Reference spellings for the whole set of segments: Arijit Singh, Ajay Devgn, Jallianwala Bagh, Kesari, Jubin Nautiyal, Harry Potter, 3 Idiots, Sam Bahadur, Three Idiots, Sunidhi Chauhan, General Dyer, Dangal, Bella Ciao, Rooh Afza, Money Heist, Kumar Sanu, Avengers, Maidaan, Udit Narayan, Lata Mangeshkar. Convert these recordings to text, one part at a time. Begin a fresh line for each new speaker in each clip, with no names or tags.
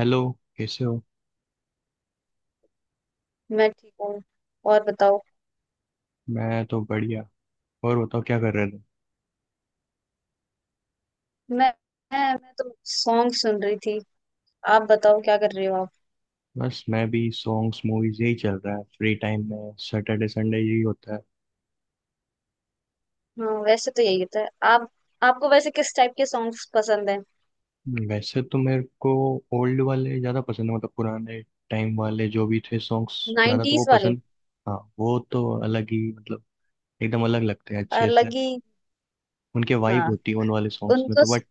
Hello. कैसे हो।
मैं ठीक हूँ। और बताओ।
मैं तो बढ़िया। और बताओ क्या कर रहे थे।
मैं मैं तो सॉन्ग सुन रही थी। आप बताओ क्या कर रहे हो आप?
बस मैं भी सॉन्ग्स मूवीज यही चल रहा है, फ्री टाइम में सैटरडे संडे यही होता
हाँ, वैसे तो यही होता है। आप, आपको वैसे किस टाइप के सॉन्ग्स पसंद हैं?
है। वैसे तो मेरे को ओल्ड वाले ज़्यादा पसंद है, मतलब पुराने टाइम वाले जो भी थे सॉन्ग्स, ज़्यादा तो वो
नाइन्टीज वाले।
पसंद। हाँ, वो तो अलग ही मतलब एकदम अलग लगते हैं अच्छे से।
अलग ही।
उनके वाइब
हाँ,
होती है उन वाले सॉन्ग्स में
उनको।
तो, बट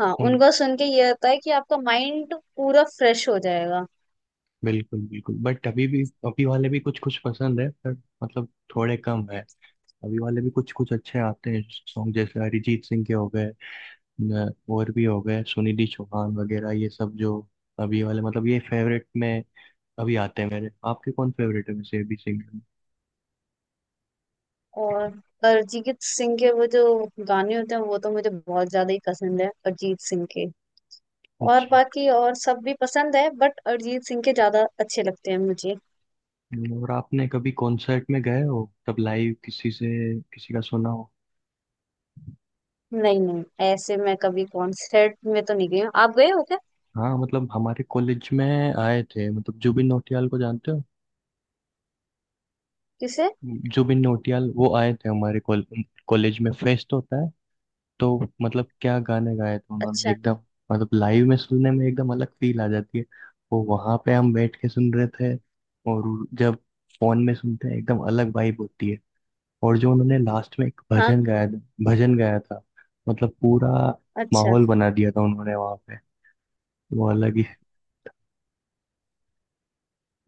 हाँ,
उन
उनको सुन के ये होता है कि आपका माइंड पूरा फ्रेश हो जाएगा।
बिल्कुल बिल्कुल, बट अभी भी अभी वाले भी कुछ कुछ पसंद है, पर मतलब थोड़े कम है। अभी वाले भी कुछ कुछ अच्छे आते हैं सॉन्ग, जैसे अरिजीत सिंह के हो गए, और भी हो गए, सुनिधि चौहान वगैरह, ये सब जो अभी वाले, मतलब ये फेवरेट में अभी आते हैं मेरे। आपके कौन फेवरेट है वैसे अभी सिंगर में?
और अरिजीत सिंह के वो जो गाने होते हैं वो तो मुझे बहुत ज्यादा ही पसंद है, अरिजीत सिंह के। और
अच्छा।
बाकी और सब भी पसंद है, बट अरिजीत सिंह के ज्यादा अच्छे लगते हैं मुझे।
और आपने कभी कॉन्सर्ट में गए हो तब लाइव, किसी से किसी का सुना हो।
नहीं नहीं, ऐसे मैं कभी कॉन्सर्ट में तो नहीं गई हूँ। आप गए हो क्या?
हाँ, मतलब हमारे कॉलेज में आए थे, मतलब जुबिन नौटियाल को जानते हो।
किसे?
जुबिन नौटियाल वो आए थे हमारे कॉलेज में, फेस्ट होता है, तो मतलब क्या गाने गाए थे उन्होंने
अच्छा।
एकदम। मतलब लाइव में सुनने में एकदम अलग फील आ जाती है, वो वहां पे हम बैठ के सुन रहे थे, और जब फोन में सुनते हैं एकदम अलग वाइब होती है। और जो उन्होंने लास्ट में एक
हाँ।
भजन गाया था, मतलब पूरा
अच्छा।
माहौल बना दिया था उन्होंने वहां पे, वो अलग ही।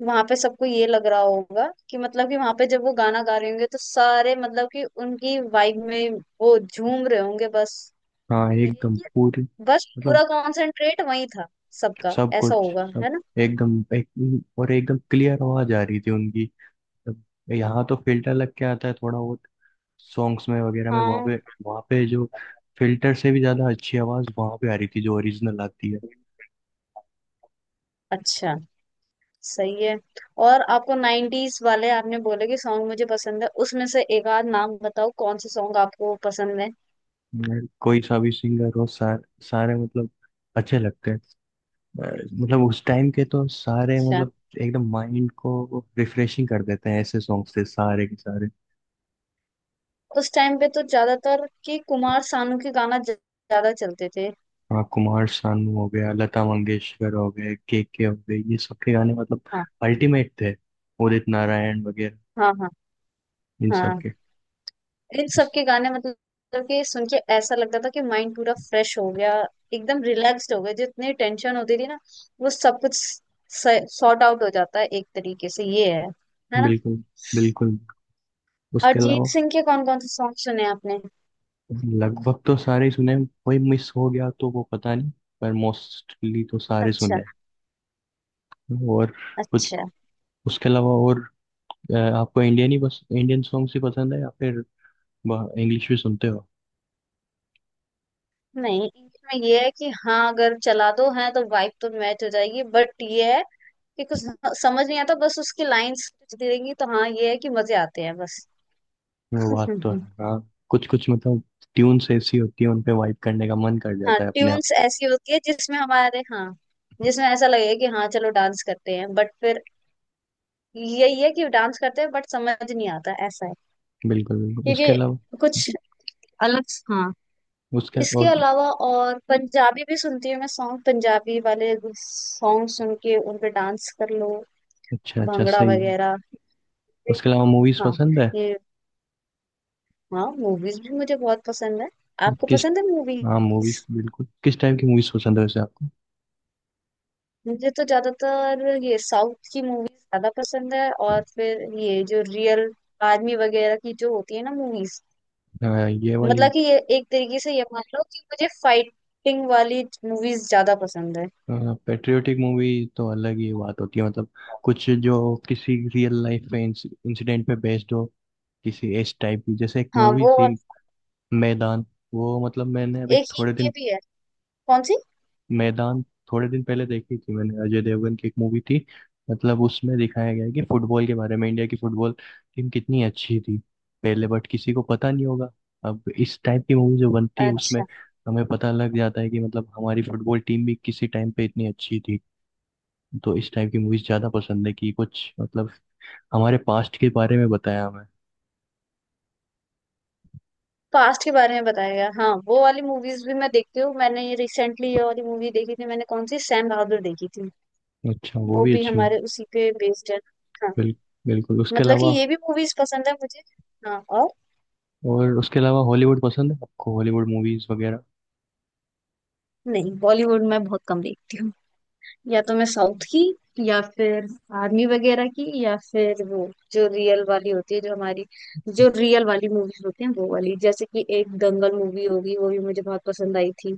वहां पे सबको ये लग रहा होगा कि मतलब कि वहां पे जब वो गाना गा रहे होंगे तो सारे मतलब कि उनकी वाइब में वो झूम रहे होंगे बस।
हाँ
ये
एकदम
कि
पूरी,
बस
मतलब
पूरा कॉन्सेंट्रेट वही था, सबका
सब
ऐसा
कुछ
होगा,
सब
है ना?
एकदम और एकदम क्लियर आवाज आ रही थी उनकी। अब यहाँ तो फिल्टर लग के आता है थोड़ा बहुत सॉन्ग्स में वगैरह में वहाँ
हाँ।
पे, जो फिल्टर से भी ज़्यादा अच्छी आवाज़ वहाँ पे आ रही थी, जो ओरिजिनल आती है।
अच्छा। सही है। और आपको नाइन्टीज वाले आपने बोले कि सॉन्ग मुझे पसंद है, उसमें से एक आध नाम बताओ, कौन से सॉन्ग आपको पसंद
कोई सा भी सिंगर हो, सारे मतलब अच्छे लगते हैं। अ, मतलब उस टाइम के तो सारे,
है?
मतलब एकदम माइंड को रिफ्रेशिंग कर देते हैं, ऐसे सॉन्ग्स थे सारे के सारे।
उस टाइम पे तो ज्यादातर कि कुमार सानू के गाना ज्यादा चलते थे।
हाँ, कुमार सानू हो गया, लता मंगेशकर हो गए, के हो गए, ये सब के गाने मतलब
हाँ।
अल्टीमेट थे। उदित नारायण वगैरह,
हाँ। हाँ।
इन सब
हाँ।
के
इन सब
इस-
के गाने मतलब कि सुन के ऐसा लगता था कि माइंड पूरा फ्रेश हो गया, एकदम रिलैक्स्ड हो गया। जितनी टेंशन होती थी ना वो सब कुछ सॉर्ट आउट हो जाता है एक तरीके से। ये है ना?
बिल्कुल बिल्कुल। उसके अलावा
अरिजीत सिंह के कौन कौन से सॉन्ग सुने आपने?
लगभग तो सारे ही सुने हैं, कोई मिस हो गया तो वो पता नहीं, पर मोस्टली तो सारे
अच्छा।
सुने हैं। और कुछ
अच्छा।
उसके अलावा और आपको इंडियन ही, बस इंडियन सॉन्ग्स ही पसंद है या फिर इंग्लिश भी सुनते हो।
नहीं, इनमें ये है कि हाँ अगर चला दो है तो वाइब तो मैच हो जाएगी, बट ये है कि कुछ समझ नहीं आता बस उसकी लाइंस देंगी तो। हाँ, ये है कि मजे आते हैं बस।
वो बात तो है, हाँ कुछ कुछ मतलब ट्यून्स ऐसी होती है, उन पे वाइब करने का मन कर
हाँ,
जाता है अपने आप।
ट्यून्स ऐसी होती है जिसमें हमारे, हाँ, जिसमें ऐसा लगे कि हाँ चलो डांस करते हैं, बट फिर यही है कि डांस करते हैं बट समझ नहीं आता, ऐसा है।
बिल्कुल बिल्कुल। उसके
क्योंकि
अलावा
कुछ अलग। हाँ।
उसके
इसके
और
अलावा और पंजाबी भी सुनती हूँ मैं, सॉन्ग पंजाबी वाले सॉन्ग सुन के उन पे डांस कर लो।
अच्छा अच्छा,
भांगड़ा
सही है।
वगैरह।
उसके अलावा मूवीज
हाँ।
पसंद है।
ये। हाँ, मूवीज भी मुझे बहुत पसंद है। आपको
किस
पसंद है
हाँ,
मूवीज?
मूवीज बिल्कुल। किस टाइप की मूवीज पसंद है वैसे आपको?
मुझे तो ज्यादातर ये साउथ की मूवीज ज्यादा पसंद है, और फिर ये जो रियल आर्मी वगैरह की जो होती है ना मूवीज,
हाँ, ये वाली
मतलब कि ये एक तरीके से ये मान लो कि मुझे फाइटिंग वाली मूवीज ज्यादा पसंद है।
पेट्रियोटिक मूवी तो अलग ही बात होती है, मतलब कुछ जो किसी रियल लाइफ में इंसिडेंट पे बेस्ड हो, किसी इस टाइप की, जैसे एक
हाँ
मूवी
वो। और
थी मैदान, वो मतलब मैंने अभी
एक ये
थोड़े
ये
दिन,
भी है। कौन सी?
मैदान थोड़े दिन पहले देखी थी, मैंने अजय देवगन की एक मूवी थी, मतलब उसमें दिखाया गया है कि फुटबॉल के बारे में, इंडिया की फुटबॉल टीम कितनी अच्छी थी पहले, बट किसी को पता नहीं होगा। अब इस टाइप की मूवी जो बनती है उसमें
अच्छा।
हमें पता लग जाता है कि मतलब हमारी फुटबॉल टीम भी किसी टाइम पे इतनी अच्छी थी, तो इस टाइप की मूवीज ज्यादा पसंद है कि कुछ मतलब हमारे पास्ट के बारे में बताया हमें।
पास्ट के बारे में बताया गया, हाँ, वो वाली मूवीज भी मैं देखती हूँ। मैंने ये रिसेंटली ये वाली मूवी देखी थी मैंने, कौन सी, सैम बहादुर देखी थी।
अच्छा, वो
वो
भी
भी
अच्छी हूँ।
हमारे उसी पे बेस्ड है। हाँ।
बिल, बिल्कुल। उसके
मतलब कि
अलावा
ये भी मूवीज पसंद है मुझे। हाँ। और
और उसके अलावा हॉलीवुड पसंद है, आपको हॉलीवुड मूवीज वगैरह?
नहीं, बॉलीवुड मैं बहुत कम देखती हूँ। या तो मैं साउथ की, या फिर आर्मी वगैरह की, या फिर वो जो रियल वाली होती है जो हमारी, जो रियल वाली मूवीज होती हैं वो वाली। जैसे कि एक दंगल मूवी होगी वो भी मुझे बहुत पसंद आई थी।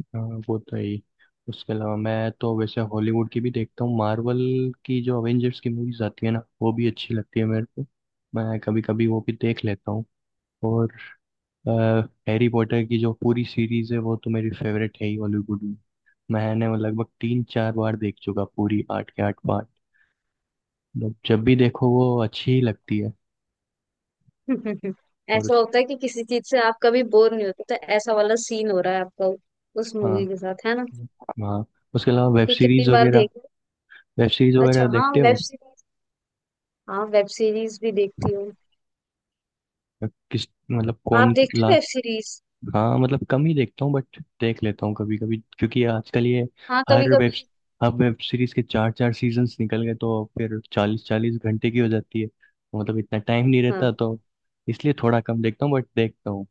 हाँ, वो तो है ही। उसके अलावा मैं तो वैसे हॉलीवुड की भी देखता हूँ, मार्वल की जो अवेंजर्स की मूवीज आती है ना, वो भी अच्छी लगती है मेरे को। मैं कभी कभी वो भी देख लेता हूँ। और हैरी पॉटर की जो पूरी सीरीज है वो तो मेरी फेवरेट है ही हॉलीवुड में। मैंने वो लगभग 3-4 बार देख चुका, पूरी 8 के 8 पार्ट। मतलब जब भी देखो वो अच्छी ही लगती है। और
ऐसा
उस
होता है कि किसी चीज से आप कभी बोर नहीं होते तो ऐसा वाला सीन हो रहा है आपका उस मूवी
हाँ
के साथ, है ना?
हाँ। उसके अलावा वेब
कि कितनी
सीरीज
बार
वगैरह,
देखो।
वेब सीरीज
अच्छा।
वगैरह
हाँ,
देखते
वेब
हो?
सीरीज। हाँ, वेब सीरीज भी देखती हूँ।
किस मतलब
आप
कौन
देखते
ला
हो वेब सीरीज?
हाँ मतलब कम ही देखता हूँ, बट देख लेता हूँ कभी कभी, क्योंकि आजकल ये
हाँ, कभी
हर वेब
कभी।
हर वेब सीरीज के 4-4 सीजन्स निकल गए, तो फिर 40-40 घंटे की हो जाती है, मतलब इतना टाइम नहीं
हाँ।
रहता, तो इसलिए थोड़ा कम देखता हूँ, बट देखता हूँ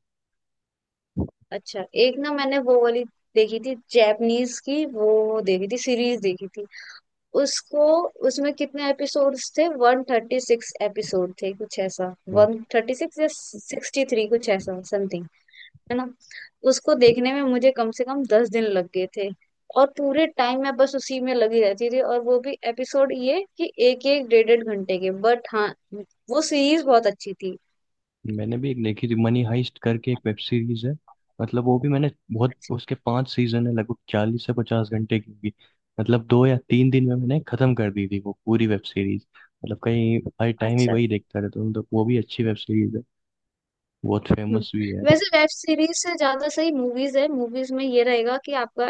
अच्छा, एक ना मैंने वो वाली देखी थी जैपनीज की, वो देखी थी सीरीज देखी थी उसको। उसमें कितने एपिसोड्स थे, 136 एपिसोड थे कुछ ऐसा,
तो।
136 या 63 कुछ ऐसा समथिंग, है ना? उसको देखने में मुझे कम से कम 10 दिन लग गए थे, और पूरे टाइम मैं बस उसी में लगी रहती थी। और वो भी एपिसोड ये कि एक एक डेढ़ डेढ़ घंटे के, बट हाँ वो सीरीज बहुत अच्छी थी।
मैंने भी एक देखी थी, मनी हाइस्ट करके एक वेब सीरीज है, मतलब वो भी मैंने बहुत, उसके 5 सीजन है, लगभग 40 से 50 घंटे की होगी। मतलब 2 या 3 दिन में मैंने खत्म कर दी थी वो पूरी वेब सीरीज। मतलब कहीं हर टाइम ही
अच्छा।
वही देखता रहता हूँ, तो वो भी अच्छी वेब सीरीज है, बहुत
हम्म।
फेमस भी है।
वैसे वेब सीरीज से ज्यादा सही मूवीज है। मूवीज में ये रहेगा कि आपका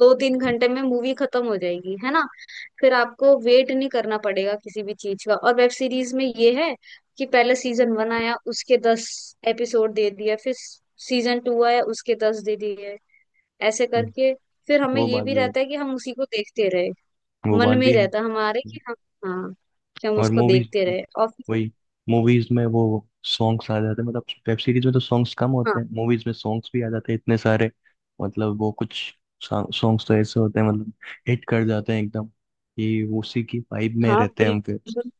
दो तीन घंटे में मूवी खत्म हो जाएगी, है ना? फिर आपको वेट नहीं करना पड़ेगा किसी भी चीज का। और वेब सीरीज में ये है कि पहले सीजन 1 आया उसके दस एपिसोड दे दिया, फिर सीजन 2 आया उसके दस दे दिए, ऐसे
हम्म।
करके। फिर हमें
वो
ये
बात
भी
भी है,
रहता है कि हम उसी को देखते रहे।
वो
मन
बात
में
भी है।
रहता है हमारे कि हम, हाँ, कि हम
और
उसको
मूवीज
देखते रहे और
वही मूवीज में वो सॉन्ग्स आ जाते हैं, मतलब वेब सीरीज में तो सॉन्ग्स कम होते
हाँ।
हैं, मूवीज में सॉन्ग्स भी आ जाते हैं इतने सारे। मतलब वो कुछ सॉन्ग्स तो ऐसे होते हैं, मतलब हिट कर जाते हैं एकदम कि उसी की वाइब में
हाँ।
रहते हैं हम फिर।
बिल्कुल।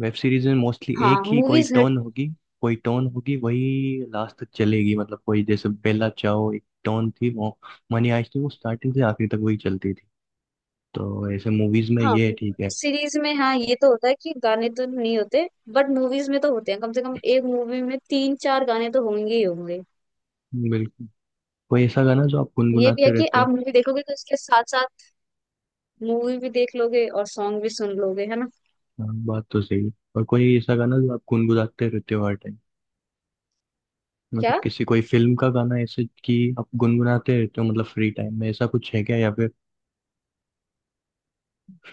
वेब सीरीज में मोस्टली
हाँ,
एक ही कोई
मूवीज हिट।
टोन होगी, कोई टोन होगी वही लास्ट तक चलेगी, मतलब कोई जैसे बेला चाओ एक टोन थी, वो मनी आइस थी, वो स्टार्टिंग से आखिरी तक वही चलती थी, तो ऐसे मूवीज में
हाँ।
ये ठीक है।
सीरीज में हाँ ये तो होता है कि गाने तो नहीं होते बट मूवीज में तो होते हैं, कम से कम एक मूवी में तीन चार गाने तो होंगे ही होंगे।
बिल्कुल। कोई ऐसा गाना जो आप
ये भी है
गुनगुनाते
कि
रहते हो?
आप मूवी देखोगे तो इसके साथ साथ मूवी भी देख लोगे और सॉन्ग भी सुन लोगे, है ना?
हाँ बात तो सही है। और कोई ऐसा गाना जो आप गुनगुनाते रहते हो हर टाइम, मतलब
क्या?
किसी कोई फिल्म का गाना ऐसे कि आप गुनगुनाते रहते हो मतलब फ्री टाइम में, ऐसा कुछ है क्या या फिर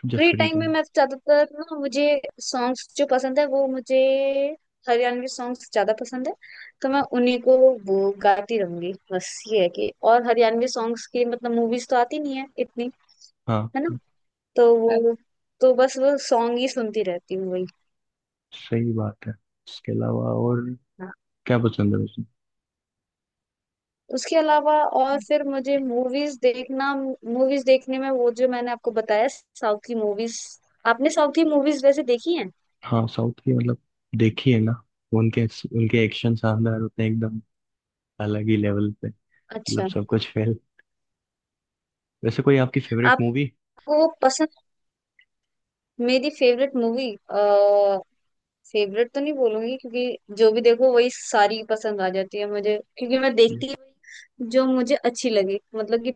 जब
फ्री
फ्री
टाइम में
टाइम
मैं ज्यादातर ना, मुझे सॉन्ग्स जो पसंद है वो मुझे, हरियाणवी सॉन्ग्स ज्यादा पसंद है। तो मैं उन्हीं को वो गाती रहूंगी बस, ये है कि और हरियाणवी सॉन्ग्स की मतलब मूवीज तो आती नहीं है इतनी,
हाँ
है ना? तो वो, तो बस वो सॉन्ग ही सुनती रहती हूँ वही।
सही बात है। इसके अलावा और
हाँ।
क्या पसंद है वैसे?
उसके अलावा और फिर मुझे मूवीज देखना, मूवीज देखने में वो जो मैंने आपको बताया साउथ की मूवीज। आपने साउथ की मूवीज वैसे देखी हैं?
हाँ साउथ की मतलब देखी है ना। उनके उनके एक्शन शानदार होते हैं एकदम, अलग ही लेवल पे। मतलब
अच्छा।
सब कुछ फेल। वैसे कोई आपकी फेवरेट मूवी?
आपको पसंद? मेरी फेवरेट मूवी, फेवरेट तो नहीं बोलूंगी, क्योंकि जो भी देखो वही सारी पसंद आ जाती है मुझे, क्योंकि मैं देखती हूँ जो मुझे अच्छी लगे, मतलब कि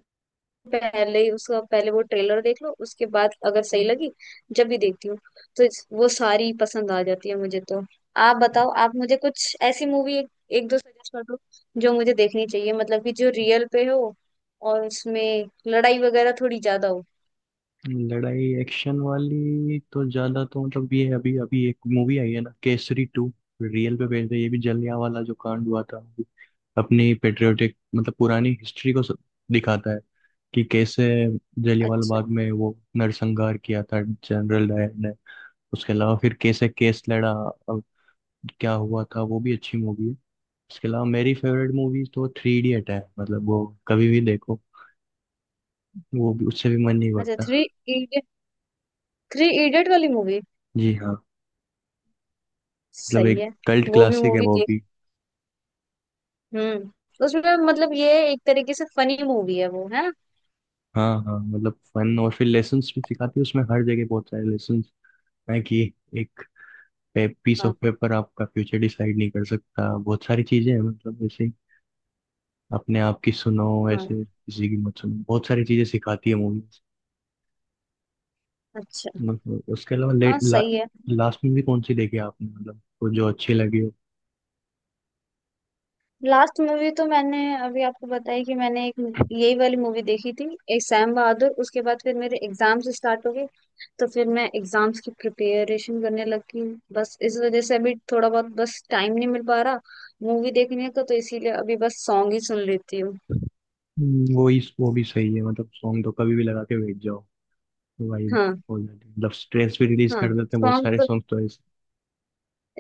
पहले ही उसका पहले वो ट्रेलर देख लो, उसके बाद अगर सही लगी, जब भी देखती हूँ तो वो सारी पसंद आ जाती है मुझे तो। आप बताओ, आप मुझे कुछ ऐसी मूवी एक दो सजेस्ट कर दो जो मुझे देखनी चाहिए, मतलब कि जो रियल पे हो और उसमें लड़ाई वगैरह थोड़ी ज्यादा हो।
लड़ाई एक्शन वाली तो ज्यादा तो, मतलब ये है अभी अभी एक मूवी आई है ना केसरी 2, रियल पे बेस्ड है ये भी। जलिया वाला जो कांड हुआ था, अपनी पेट्रियोटिक मतलब पुरानी हिस्ट्री को सब दिखाता है कि कैसे जलियांवाला
अच्छा।
बाग में वो नरसंहार किया था जनरल डायर ने। उसके अलावा फिर कैसे केस लड़ा और क्या हुआ था, वो भी अच्छी मूवी है। उसके अलावा मेरी फेवरेट मूवी तो 3 इडियट है, मतलब वो कभी भी देखो, वो भी उससे भी मन नहीं
अच्छा,
भरता।
3 Idiots। 3 Idiots वाली मूवी।
जी हाँ। मतलब
सही
एक
है।
कल्ट
वो भी
क्लासिक है
मूवी
वो
देख।
भी।
हम्म, उसमें मतलब ये एक तरीके से फनी मूवी है वो, है ना?
हाँ हाँ, मतलब फन और फिर लेसन्स भी सिखाती है उसमें, हर जगह बहुत सारे लेसन्स है कि एक पीस
हाँ।
ऑफ पेपर आपका फ्यूचर डिसाइड नहीं कर सकता, बहुत सारी चीजें हैं मतलब ऐसे ही। अपने आप की सुनो,
हाँ।
ऐसे किसी की मत सुनो, बहुत सारी चीजें सिखाती है मूवीज।
अच्छा।
मतलब उसके अलावा
हाँ सही है।
लास्ट में भी कौन सी देखी आपने, मतलब वो जो अच्छी लगी हो?
लास्ट मूवी तो मैंने, अभी आपको बताई कि मैंने एक यही वाली मूवी देखी थी, एक सैम बहादुर। उसके बाद फिर मेरे एग्जाम्स स्टार्ट हो गए तो फिर मैं एग्जाम्स की प्रिपरेशन करने लगी। बस इस वजह से अभी थोड़ा बहुत बस टाइम नहीं मिल पा रहा मूवी देखने का, तो इसीलिए अभी बस सॉन्ग ही सुन लेती हूँ।
वो ही वो भी सही है, मतलब सॉन्ग तो कभी भी लगा के बैठ जाओ भाई,
हाँ।
हो जाती है। मतलब स्ट्रेस भी रिलीज
हाँ,
कर देते हैं बहुत
सॉन्ग
सारे
तो
सॉन्ग तो ऐसे।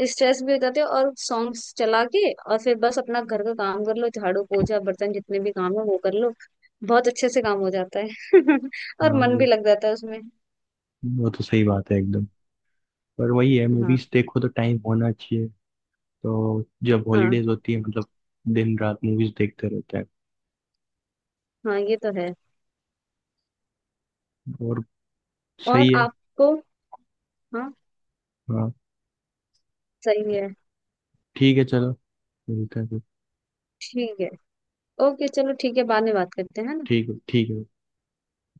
स्ट्रेस भी बताते हैं, और सॉन्ग्स चला के और फिर बस अपना घर का काम कर लो, झाड़ू पोछा बर्तन जितने भी काम है वो कर लो। बहुत अच्छे से काम हो जाता है और मन भी
हाँ
लग जाता है उसमें।
वो तो सही बात है एकदम। पर वही है,
हाँ।
मूवीज देखो तो टाइम होना चाहिए, तो जब
हाँ।
हॉलीडेज होती है मतलब दिन रात मूवीज देखते रहते हैं।
हाँ, ये तो है।
और
और
सही है।
आपको। हाँ
हाँ
सही है।
ठीक है चलो, मिलते हैं फिर।
ठीक है। ओके चलो, ठीक है, बाद में बात करते हैं, है ना?
ठीक है, ठीक है।